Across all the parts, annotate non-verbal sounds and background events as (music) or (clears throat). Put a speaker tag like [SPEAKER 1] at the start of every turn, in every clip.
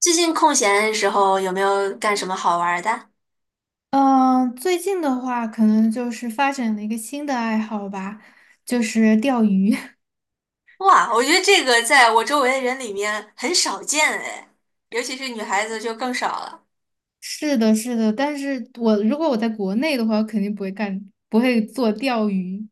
[SPEAKER 1] 最近空闲的时候有没有干什么好玩儿的？
[SPEAKER 2] 嗯，最近的话，可能就是发展了一个新的爱好吧，就是钓鱼。(laughs)
[SPEAKER 1] 哇，我觉得这个在我周围的人里面很少见哎，尤其是女孩子就更少了。
[SPEAKER 2] 是的，是的，但是如果我在国内的话，我肯定不会干，不会做钓鱼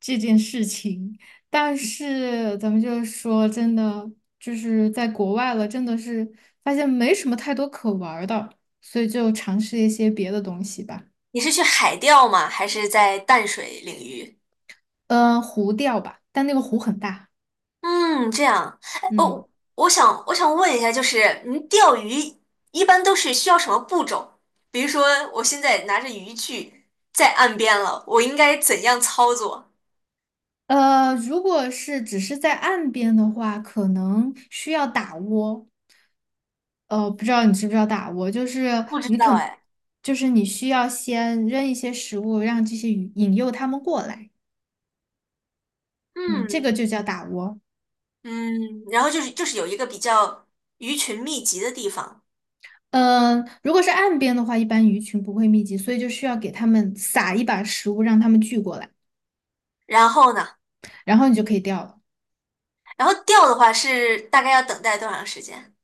[SPEAKER 2] 这件事情。但是咱们就是说，真的就是在国外了，真的是发现没什么太多可玩儿的，所以就尝试一些别的东西吧。
[SPEAKER 1] 你是去海钓吗？还是在淡水领域？
[SPEAKER 2] 嗯，湖钓吧，但那个湖很大。
[SPEAKER 1] 嗯，这样。哎，
[SPEAKER 2] 嗯。
[SPEAKER 1] 我想问一下，就是您钓鱼一般都是需要什么步骤？比如说我现在拿着渔具在岸边了，我应该怎样操作？
[SPEAKER 2] 如果是只是在岸边的话，可能需要打窝。不知道你知不知道打窝，就是
[SPEAKER 1] 不知
[SPEAKER 2] 你
[SPEAKER 1] 道
[SPEAKER 2] 肯，
[SPEAKER 1] 哎。
[SPEAKER 2] 就是你需要先扔一些食物，让这些鱼引诱它们过来。嗯，这
[SPEAKER 1] 嗯，
[SPEAKER 2] 个就叫打窝。
[SPEAKER 1] 嗯，然后就是有一个比较鱼群密集的地方，
[SPEAKER 2] 如果是岸边的话，一般鱼群不会密集，所以就需要给它们撒一把食物，让它们聚过来，
[SPEAKER 1] 然后呢，
[SPEAKER 2] 然后你就可以钓了。
[SPEAKER 1] 然后钓的话是大概要等待多长时间？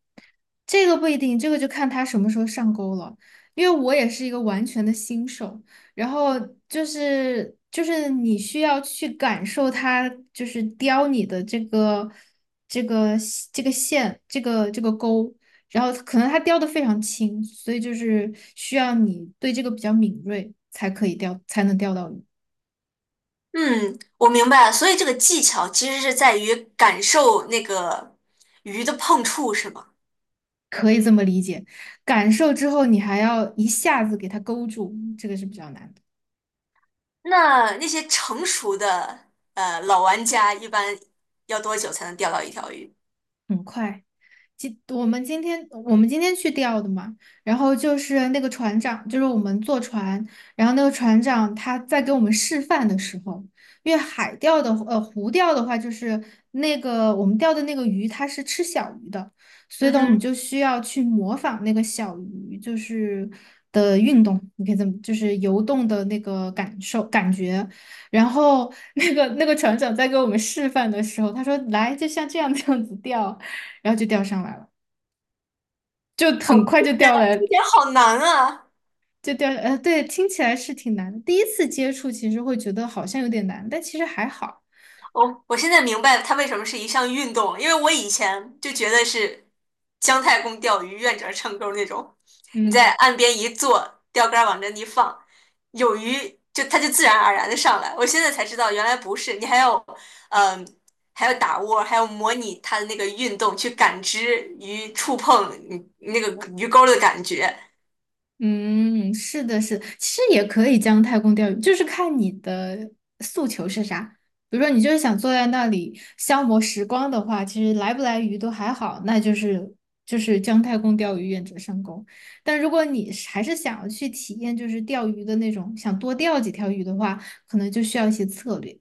[SPEAKER 2] 这个不一定，这个就看他什么时候上钩了。因为我也是一个完全的新手，然后就是你需要去感受它，就是叼你的这个这个线，这个钩，然后可能它叼的非常轻，所以就是需要你对这个比较敏锐才可以钓，才能钓到鱼，
[SPEAKER 1] 嗯，我明白了，所以这个技巧其实是在于感受那个鱼的碰触，是吗？
[SPEAKER 2] 可以这么理解。感受之后，你还要一下子给它勾住，这个是比较难的，
[SPEAKER 1] 那那些成熟的老玩家一般要多久才能钓到一条鱼？
[SPEAKER 2] 很快。今我们今天我们今天去钓的嘛，然后就是那个船长，就是我们坐船，然后那个船长他在给我们示范的时候，因为海钓的呃湖钓的话，就是那个我们钓的那个鱼它是吃小鱼的，所以
[SPEAKER 1] 嗯
[SPEAKER 2] 呢我们
[SPEAKER 1] 哼，
[SPEAKER 2] 就需要去模仿那个小鱼就是的运动，你可以这么就是游动的那个感受感觉，然后那个船长在给我们示范的时候，他说来就像这样子钓。然后就钓上来了，就很
[SPEAKER 1] 哦，
[SPEAKER 2] 快
[SPEAKER 1] 听
[SPEAKER 2] 就
[SPEAKER 1] 起
[SPEAKER 2] 钓
[SPEAKER 1] 来
[SPEAKER 2] 来，
[SPEAKER 1] 听起来好难啊！
[SPEAKER 2] 就钓，对，听起来是挺难的。第一次接触其实会觉得好像有点难，但其实还好。
[SPEAKER 1] 我现在明白它为什么是一项运动了，因为我以前就觉得是姜太公钓鱼、愿者上钩那种，你在
[SPEAKER 2] 嗯
[SPEAKER 1] 岸边一坐，钓竿儿往这一放，有鱼就它就自然而然的上来。我现在才知道原来不是，你还要嗯、还要打窝还要模拟它的那个运动，去感知鱼触碰你那个鱼钩儿的感觉。
[SPEAKER 2] 嗯，是的，是的其实也可以将太公钓鱼，就是看你的诉求是啥。比如说你就是想坐在那里消磨时光的话，其实来不来鱼都还好，那就是就是姜太公钓鱼，愿者上钩。但如果你是还是想要去体验就是钓鱼的那种，想多钓几条鱼的话，可能就需要一些策略。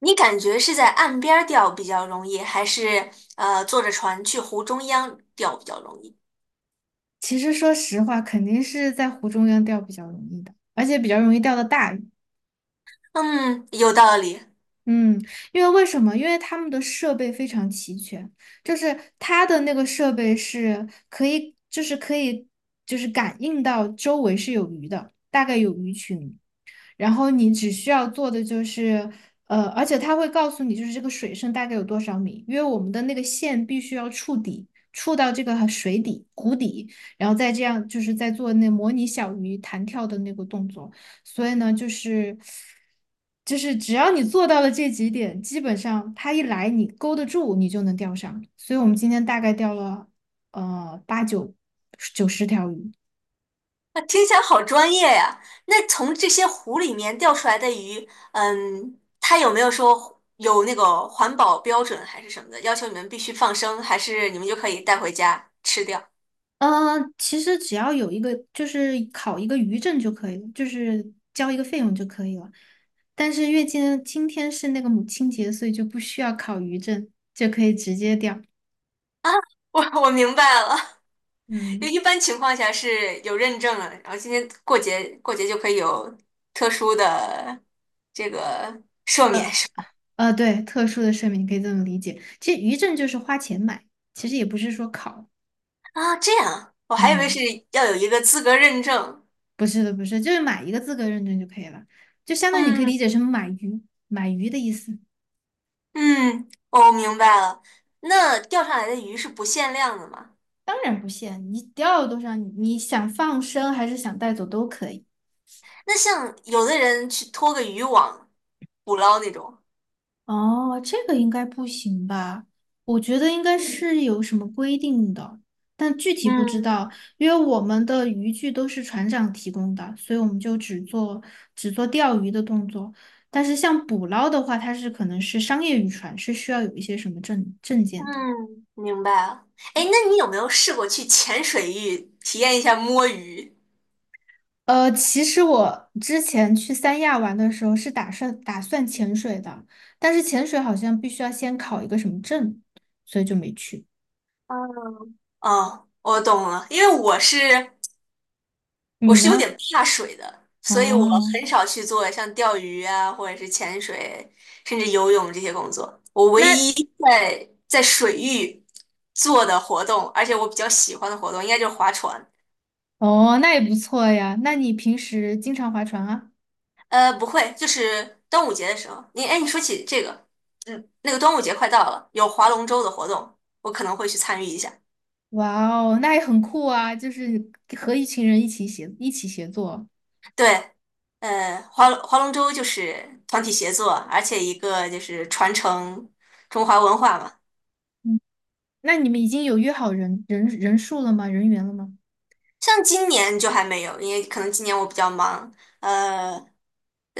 [SPEAKER 1] 你感觉是在岸边儿钓比较容易，还是坐着船去湖中央钓比较容易？
[SPEAKER 2] 其实说实话，肯定是在湖中央钓比较容易的，而且比较容易钓到大鱼。
[SPEAKER 1] 嗯，有道理。
[SPEAKER 2] 嗯，因为为什么？因为他们的设备非常齐全，就是它的那个设备是可以，就是可以，就是感应到周围是有鱼的，大概有鱼群。然后你只需要做的就是，而且它会告诉你，就是这个水深大概有多少米，因为我们的那个线必须要触底，触到这个水底、湖底，然后再这样就是在做那模拟小鱼弹跳的那个动作。所以呢，就是只要你做到了这几点，基本上它一来你勾得住，你就能钓上。所以我们今天大概钓了八九九十条鱼。
[SPEAKER 1] 那听起来好专业呀。那从这些湖里面钓出来的鱼，嗯，它有没有说有那个环保标准还是什么的，要求你们必须放生，还是你们就可以带回家吃掉？
[SPEAKER 2] 嗯，其实只要有一个，就是考一个渔证就可以了，就是交一个费用就可以了。但是月经今天是那个母亲节，所以就不需要考渔证，就可以直接掉。
[SPEAKER 1] (laughs) 我明白了。(laughs) 就
[SPEAKER 2] 嗯，
[SPEAKER 1] 一般情况下是有认证了，然后今天过节就可以有特殊的这个赦免
[SPEAKER 2] 呃
[SPEAKER 1] 是吧？
[SPEAKER 2] 对，特殊的税明可以这么理解。其实渔证就是花钱买，其实也不是说考。
[SPEAKER 1] 啊，这样啊，我还以为是
[SPEAKER 2] 嗯，
[SPEAKER 1] 要有一个资格认证。
[SPEAKER 2] 不是的，不是，就是买一个资格认证就可以了，就相当于你可以理解
[SPEAKER 1] 嗯。
[SPEAKER 2] 成买鱼，买鱼的意思。
[SPEAKER 1] 嗯，我明白了。那钓上来的鱼是不限量的吗？
[SPEAKER 2] 当然不限，你钓了多少，你想放生还是想带走都可以。
[SPEAKER 1] 那像有的人去拖个渔网捕捞那种。
[SPEAKER 2] 哦，这个应该不行吧？我觉得应该是有什么规定的，但具体不知
[SPEAKER 1] 嗯
[SPEAKER 2] 道，因为我们的渔具都是船长提供的，所以我们就只做只做钓鱼的动作。但是像捕捞的话，它是可能是商业渔船，是需要有一些什么证件的。
[SPEAKER 1] 嗯，明白了。哎，那你有没有试过去浅水域体验一下摸鱼？
[SPEAKER 2] 其实我之前去三亚玩的时候是打算潜水的，但是潜水好像必须要先考一个什么证，所以就没去。
[SPEAKER 1] 哦，我懂了，因为我是我
[SPEAKER 2] 你
[SPEAKER 1] 是有点
[SPEAKER 2] 呢？
[SPEAKER 1] 怕水的，所以我
[SPEAKER 2] 哦，
[SPEAKER 1] 很少去做像钓鱼啊，或者是潜水，甚至游泳这些工作。我唯
[SPEAKER 2] 那
[SPEAKER 1] 一在水域做的活动，而且我比较喜欢的活动，应该就是划船。
[SPEAKER 2] 哦，那也不错呀。那你平时经常划船啊？
[SPEAKER 1] 呃，不会，就是端午节的时候。你哎，你说起这个，嗯，那个端午节快到了，有划龙舟的活动，我可能会去参与一下。
[SPEAKER 2] 哇哦，那也很酷啊！就是和一群人一起协一起协作。
[SPEAKER 1] 对，划龙舟就是团体协作，而且一个就是传承中华文化嘛。
[SPEAKER 2] 嗯，那你们已经有约好人员了吗？
[SPEAKER 1] 像今年就还没有，因为可能今年我比较忙，呃，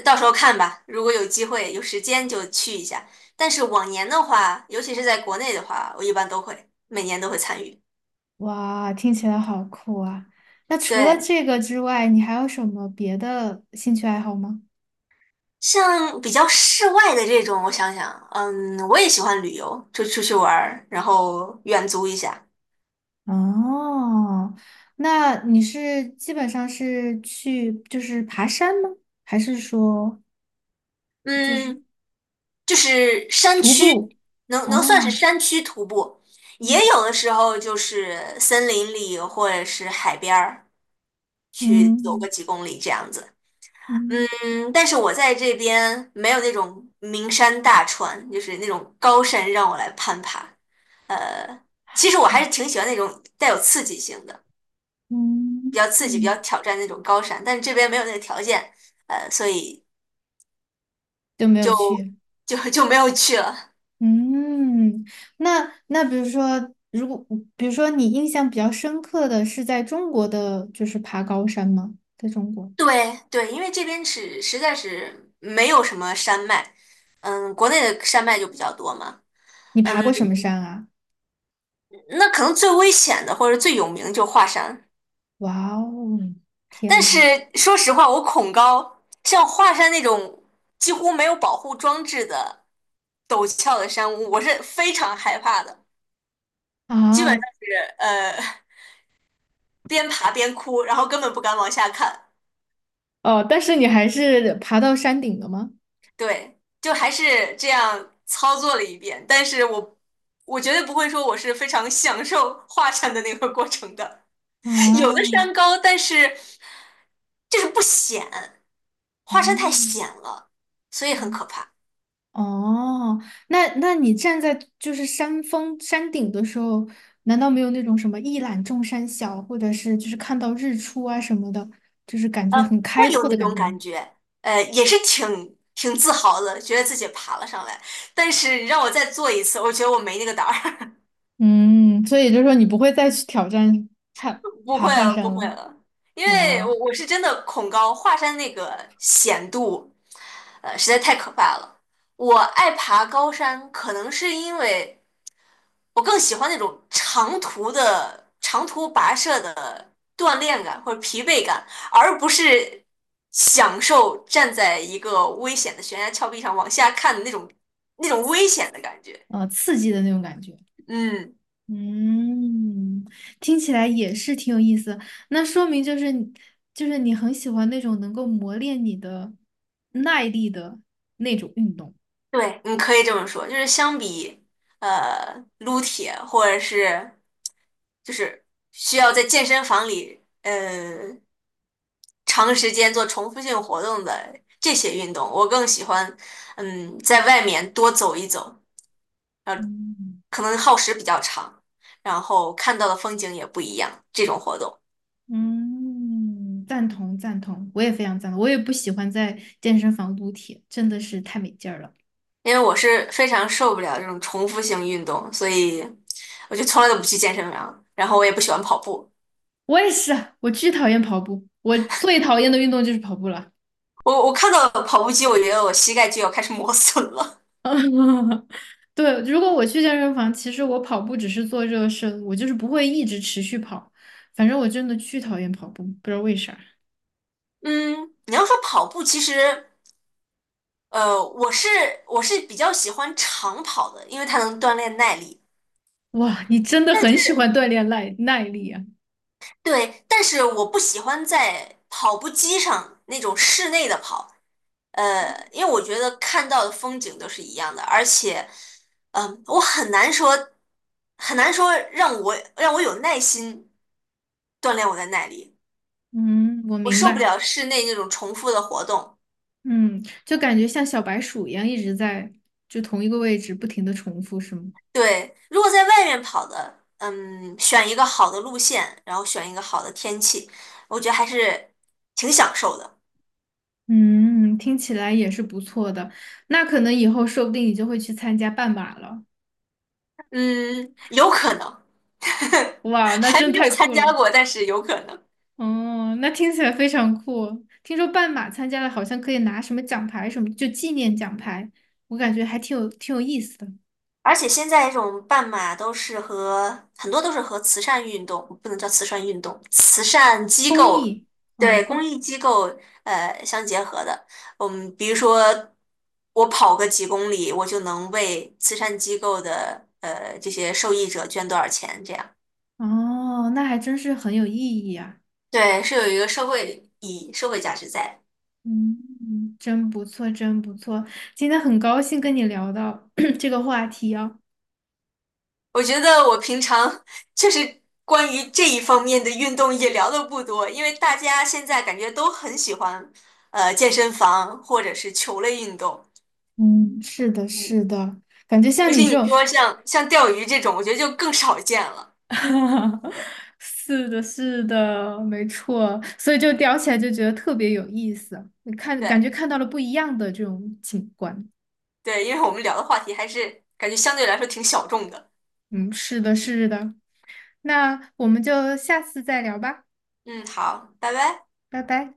[SPEAKER 1] 到时候看吧。如果有机会、有时间就去一下。但是往年的话，尤其是在国内的话，我一般都会，每年都会参与。
[SPEAKER 2] 哇，听起来好酷啊！那除了
[SPEAKER 1] 对，
[SPEAKER 2] 这个之外，你还有什么别的兴趣爱好吗？
[SPEAKER 1] 像比较室外的这种，我想想，嗯，我也喜欢旅游，就出去玩儿，然后远足一下。
[SPEAKER 2] 哦，那你是基本上是去就是爬山吗？还是说
[SPEAKER 1] 嗯，就是山
[SPEAKER 2] 徒
[SPEAKER 1] 区，
[SPEAKER 2] 步？
[SPEAKER 1] 能能算是
[SPEAKER 2] 哦，
[SPEAKER 1] 山区徒步，也
[SPEAKER 2] 嗯
[SPEAKER 1] 有的时候就是森林里或者是海边儿。去走个
[SPEAKER 2] 嗯
[SPEAKER 1] 几公里这样子。
[SPEAKER 2] 嗯。
[SPEAKER 1] 嗯，但是我在这边没有那种名山大川，就是那种高山让我来攀爬。其实我还是挺喜欢那种带有刺激性的，
[SPEAKER 2] 嗯，
[SPEAKER 1] 比较刺激、比较挑战那种高山，但是这边没有那个条件，所以
[SPEAKER 2] 就没有
[SPEAKER 1] 就
[SPEAKER 2] 去。
[SPEAKER 1] 就没有去了。
[SPEAKER 2] 嗯，那那比如说，比如说你印象比较深刻的是在中国的，就是爬高山吗？在中国，
[SPEAKER 1] 对对，因为这边是实在是没有什么山脉，嗯，国内的山脉就比较多嘛。
[SPEAKER 2] 你爬过
[SPEAKER 1] 嗯，
[SPEAKER 2] 什么山啊？
[SPEAKER 1] 那可能最危险的或者最有名就华山。
[SPEAKER 2] 哇哦，
[SPEAKER 1] 但
[SPEAKER 2] 天
[SPEAKER 1] 是
[SPEAKER 2] 呐！
[SPEAKER 1] 说实话，我恐高，像华山那种几乎没有保护装置的陡峭的山屋我是非常害怕的，基本上
[SPEAKER 2] 啊，
[SPEAKER 1] 是边爬边哭，然后根本不敢往下看。
[SPEAKER 2] 哦，但是你还是爬到山顶了吗？
[SPEAKER 1] 对，就还是这样操作了一遍，但是我绝对不会说我是非常享受华山的那个过程的。(laughs) 有的
[SPEAKER 2] 啊，
[SPEAKER 1] 山高，但是就是不险，华山太险
[SPEAKER 2] 哦。
[SPEAKER 1] 了，所以很可怕。
[SPEAKER 2] 哦，那那你站在就是山峰山顶的时候，难道没有那种什么一览众山小，或者是就是看到日出啊什么的，就是感觉很开
[SPEAKER 1] 会有
[SPEAKER 2] 阔的
[SPEAKER 1] 那
[SPEAKER 2] 感
[SPEAKER 1] 种
[SPEAKER 2] 觉
[SPEAKER 1] 感
[SPEAKER 2] 吗？
[SPEAKER 1] 觉，也是挺自豪的，觉得自己爬了上来。但是让我再做一次，我觉得我没那个胆儿。
[SPEAKER 2] 嗯，所以就是说你不会再去挑战爬
[SPEAKER 1] (laughs) 不
[SPEAKER 2] 爬
[SPEAKER 1] 会
[SPEAKER 2] 华
[SPEAKER 1] 了，不
[SPEAKER 2] 山了。
[SPEAKER 1] 会了，因为我
[SPEAKER 2] 哦，
[SPEAKER 1] 我是真的恐高，华山那个险度，实在太可怕了。我爱爬高山，可能是因为，我更喜欢那种长途的、长途跋涉的锻炼感或者疲惫感，而不是享受站在一个危险的悬崖峭壁上往下看的那种、那种危险的感觉。
[SPEAKER 2] 刺激的那种感觉。
[SPEAKER 1] 嗯，
[SPEAKER 2] 嗯，听起来也是挺有意思。那说明就是你就是你很喜欢那种能够磨练你的耐力的那种运动。
[SPEAKER 1] 对，你可以这么说，就是相比撸铁或者是就是需要在健身房里长时间做重复性活动的这些运动，我更喜欢在外面多走一走。
[SPEAKER 2] 嗯。
[SPEAKER 1] 可能耗时比较长，然后看到的风景也不一样。这种活动，
[SPEAKER 2] 嗯，赞同，我也非常赞同。我也不喜欢在健身房撸铁，真的是太没劲儿了。
[SPEAKER 1] 因为我是非常受不了这种重复性运动，所以我就从来都不去健身房，然后我也不喜欢跑步。
[SPEAKER 2] 我也是啊，我巨讨厌跑步，我最讨厌的运动就是跑步了。
[SPEAKER 1] 我看到跑步机，我觉得我膝盖就要开始磨损了。
[SPEAKER 2] (laughs) 对，如果我去健身房，其实我跑步只是做热身，我就是不会一直持续跑。反正我真的巨讨厌跑步，不知道为啥。
[SPEAKER 1] 嗯，你要说跑步，其实呃，我是我是比较喜欢长跑的，因为它能锻炼耐力。
[SPEAKER 2] 哇，你真的很喜欢锻炼耐力啊！
[SPEAKER 1] 对，但是我不喜欢在跑步机上那种室内的跑，因为我觉得看到的风景都是一样的，而且，我很难说，让我有耐心锻炼我的耐力，
[SPEAKER 2] 嗯，我
[SPEAKER 1] 我
[SPEAKER 2] 明
[SPEAKER 1] 受不
[SPEAKER 2] 白。
[SPEAKER 1] 了室内那种重复的活动。
[SPEAKER 2] 嗯，就感觉像小白鼠一样一直在就同一个位置不停的重复，是吗？
[SPEAKER 1] 对，如果在外面跑的，嗯，选一个好的路线，然后选一个好的天气，我觉得还是挺享受的。
[SPEAKER 2] 嗯，听起来也是不错的。那可能以后说不定你就会去参加半马了。
[SPEAKER 1] 嗯，有可能。(laughs)
[SPEAKER 2] 哇，那
[SPEAKER 1] 还
[SPEAKER 2] 真
[SPEAKER 1] 没有
[SPEAKER 2] 太
[SPEAKER 1] 参
[SPEAKER 2] 酷
[SPEAKER 1] 加
[SPEAKER 2] 了！
[SPEAKER 1] 过，但是有可能。
[SPEAKER 2] 哦，那听起来非常酷。听说半马参加了，好像可以拿什么奖牌什么，就纪念奖牌。我感觉还挺有意思的。
[SPEAKER 1] 而且现在这种半马都是和慈善运动，不能叫慈善运动，慈善机
[SPEAKER 2] 公
[SPEAKER 1] 构，
[SPEAKER 2] 益，嗯，
[SPEAKER 1] 对，公
[SPEAKER 2] 公，
[SPEAKER 1] 益机构相结合的。嗯，比如说我跑个几公里，我就能为慈善机构的这些受益者捐多少钱，这样。
[SPEAKER 2] 哦，那还真是很有意义啊。
[SPEAKER 1] 对，是有一个社会意义、社会价值在。
[SPEAKER 2] 嗯，嗯真不错，真不错。今天很高兴跟你聊到 (clears throat) 这个话题啊。
[SPEAKER 1] 我觉得我平常就是关于这一方面的运动也聊的不多，因为大家现在感觉都很喜欢健身房或者是球类运动，
[SPEAKER 2] 嗯，是的，
[SPEAKER 1] 嗯，
[SPEAKER 2] 是的，感觉
[SPEAKER 1] 尤
[SPEAKER 2] 像你
[SPEAKER 1] 其
[SPEAKER 2] 这
[SPEAKER 1] 你
[SPEAKER 2] 种。
[SPEAKER 1] 说像钓鱼这种，我觉得就更少见了。
[SPEAKER 2] (laughs) 是的，是的，没错，所以就聊起来就觉得特别有意思，你看，感觉
[SPEAKER 1] 对
[SPEAKER 2] 看到了不一样的这种景观。
[SPEAKER 1] 对，因为我们聊的话题还是感觉相对来说挺小众的。
[SPEAKER 2] 嗯，是的，是的，那我们就下次再聊吧，
[SPEAKER 1] 嗯，好，拜拜。
[SPEAKER 2] 拜拜。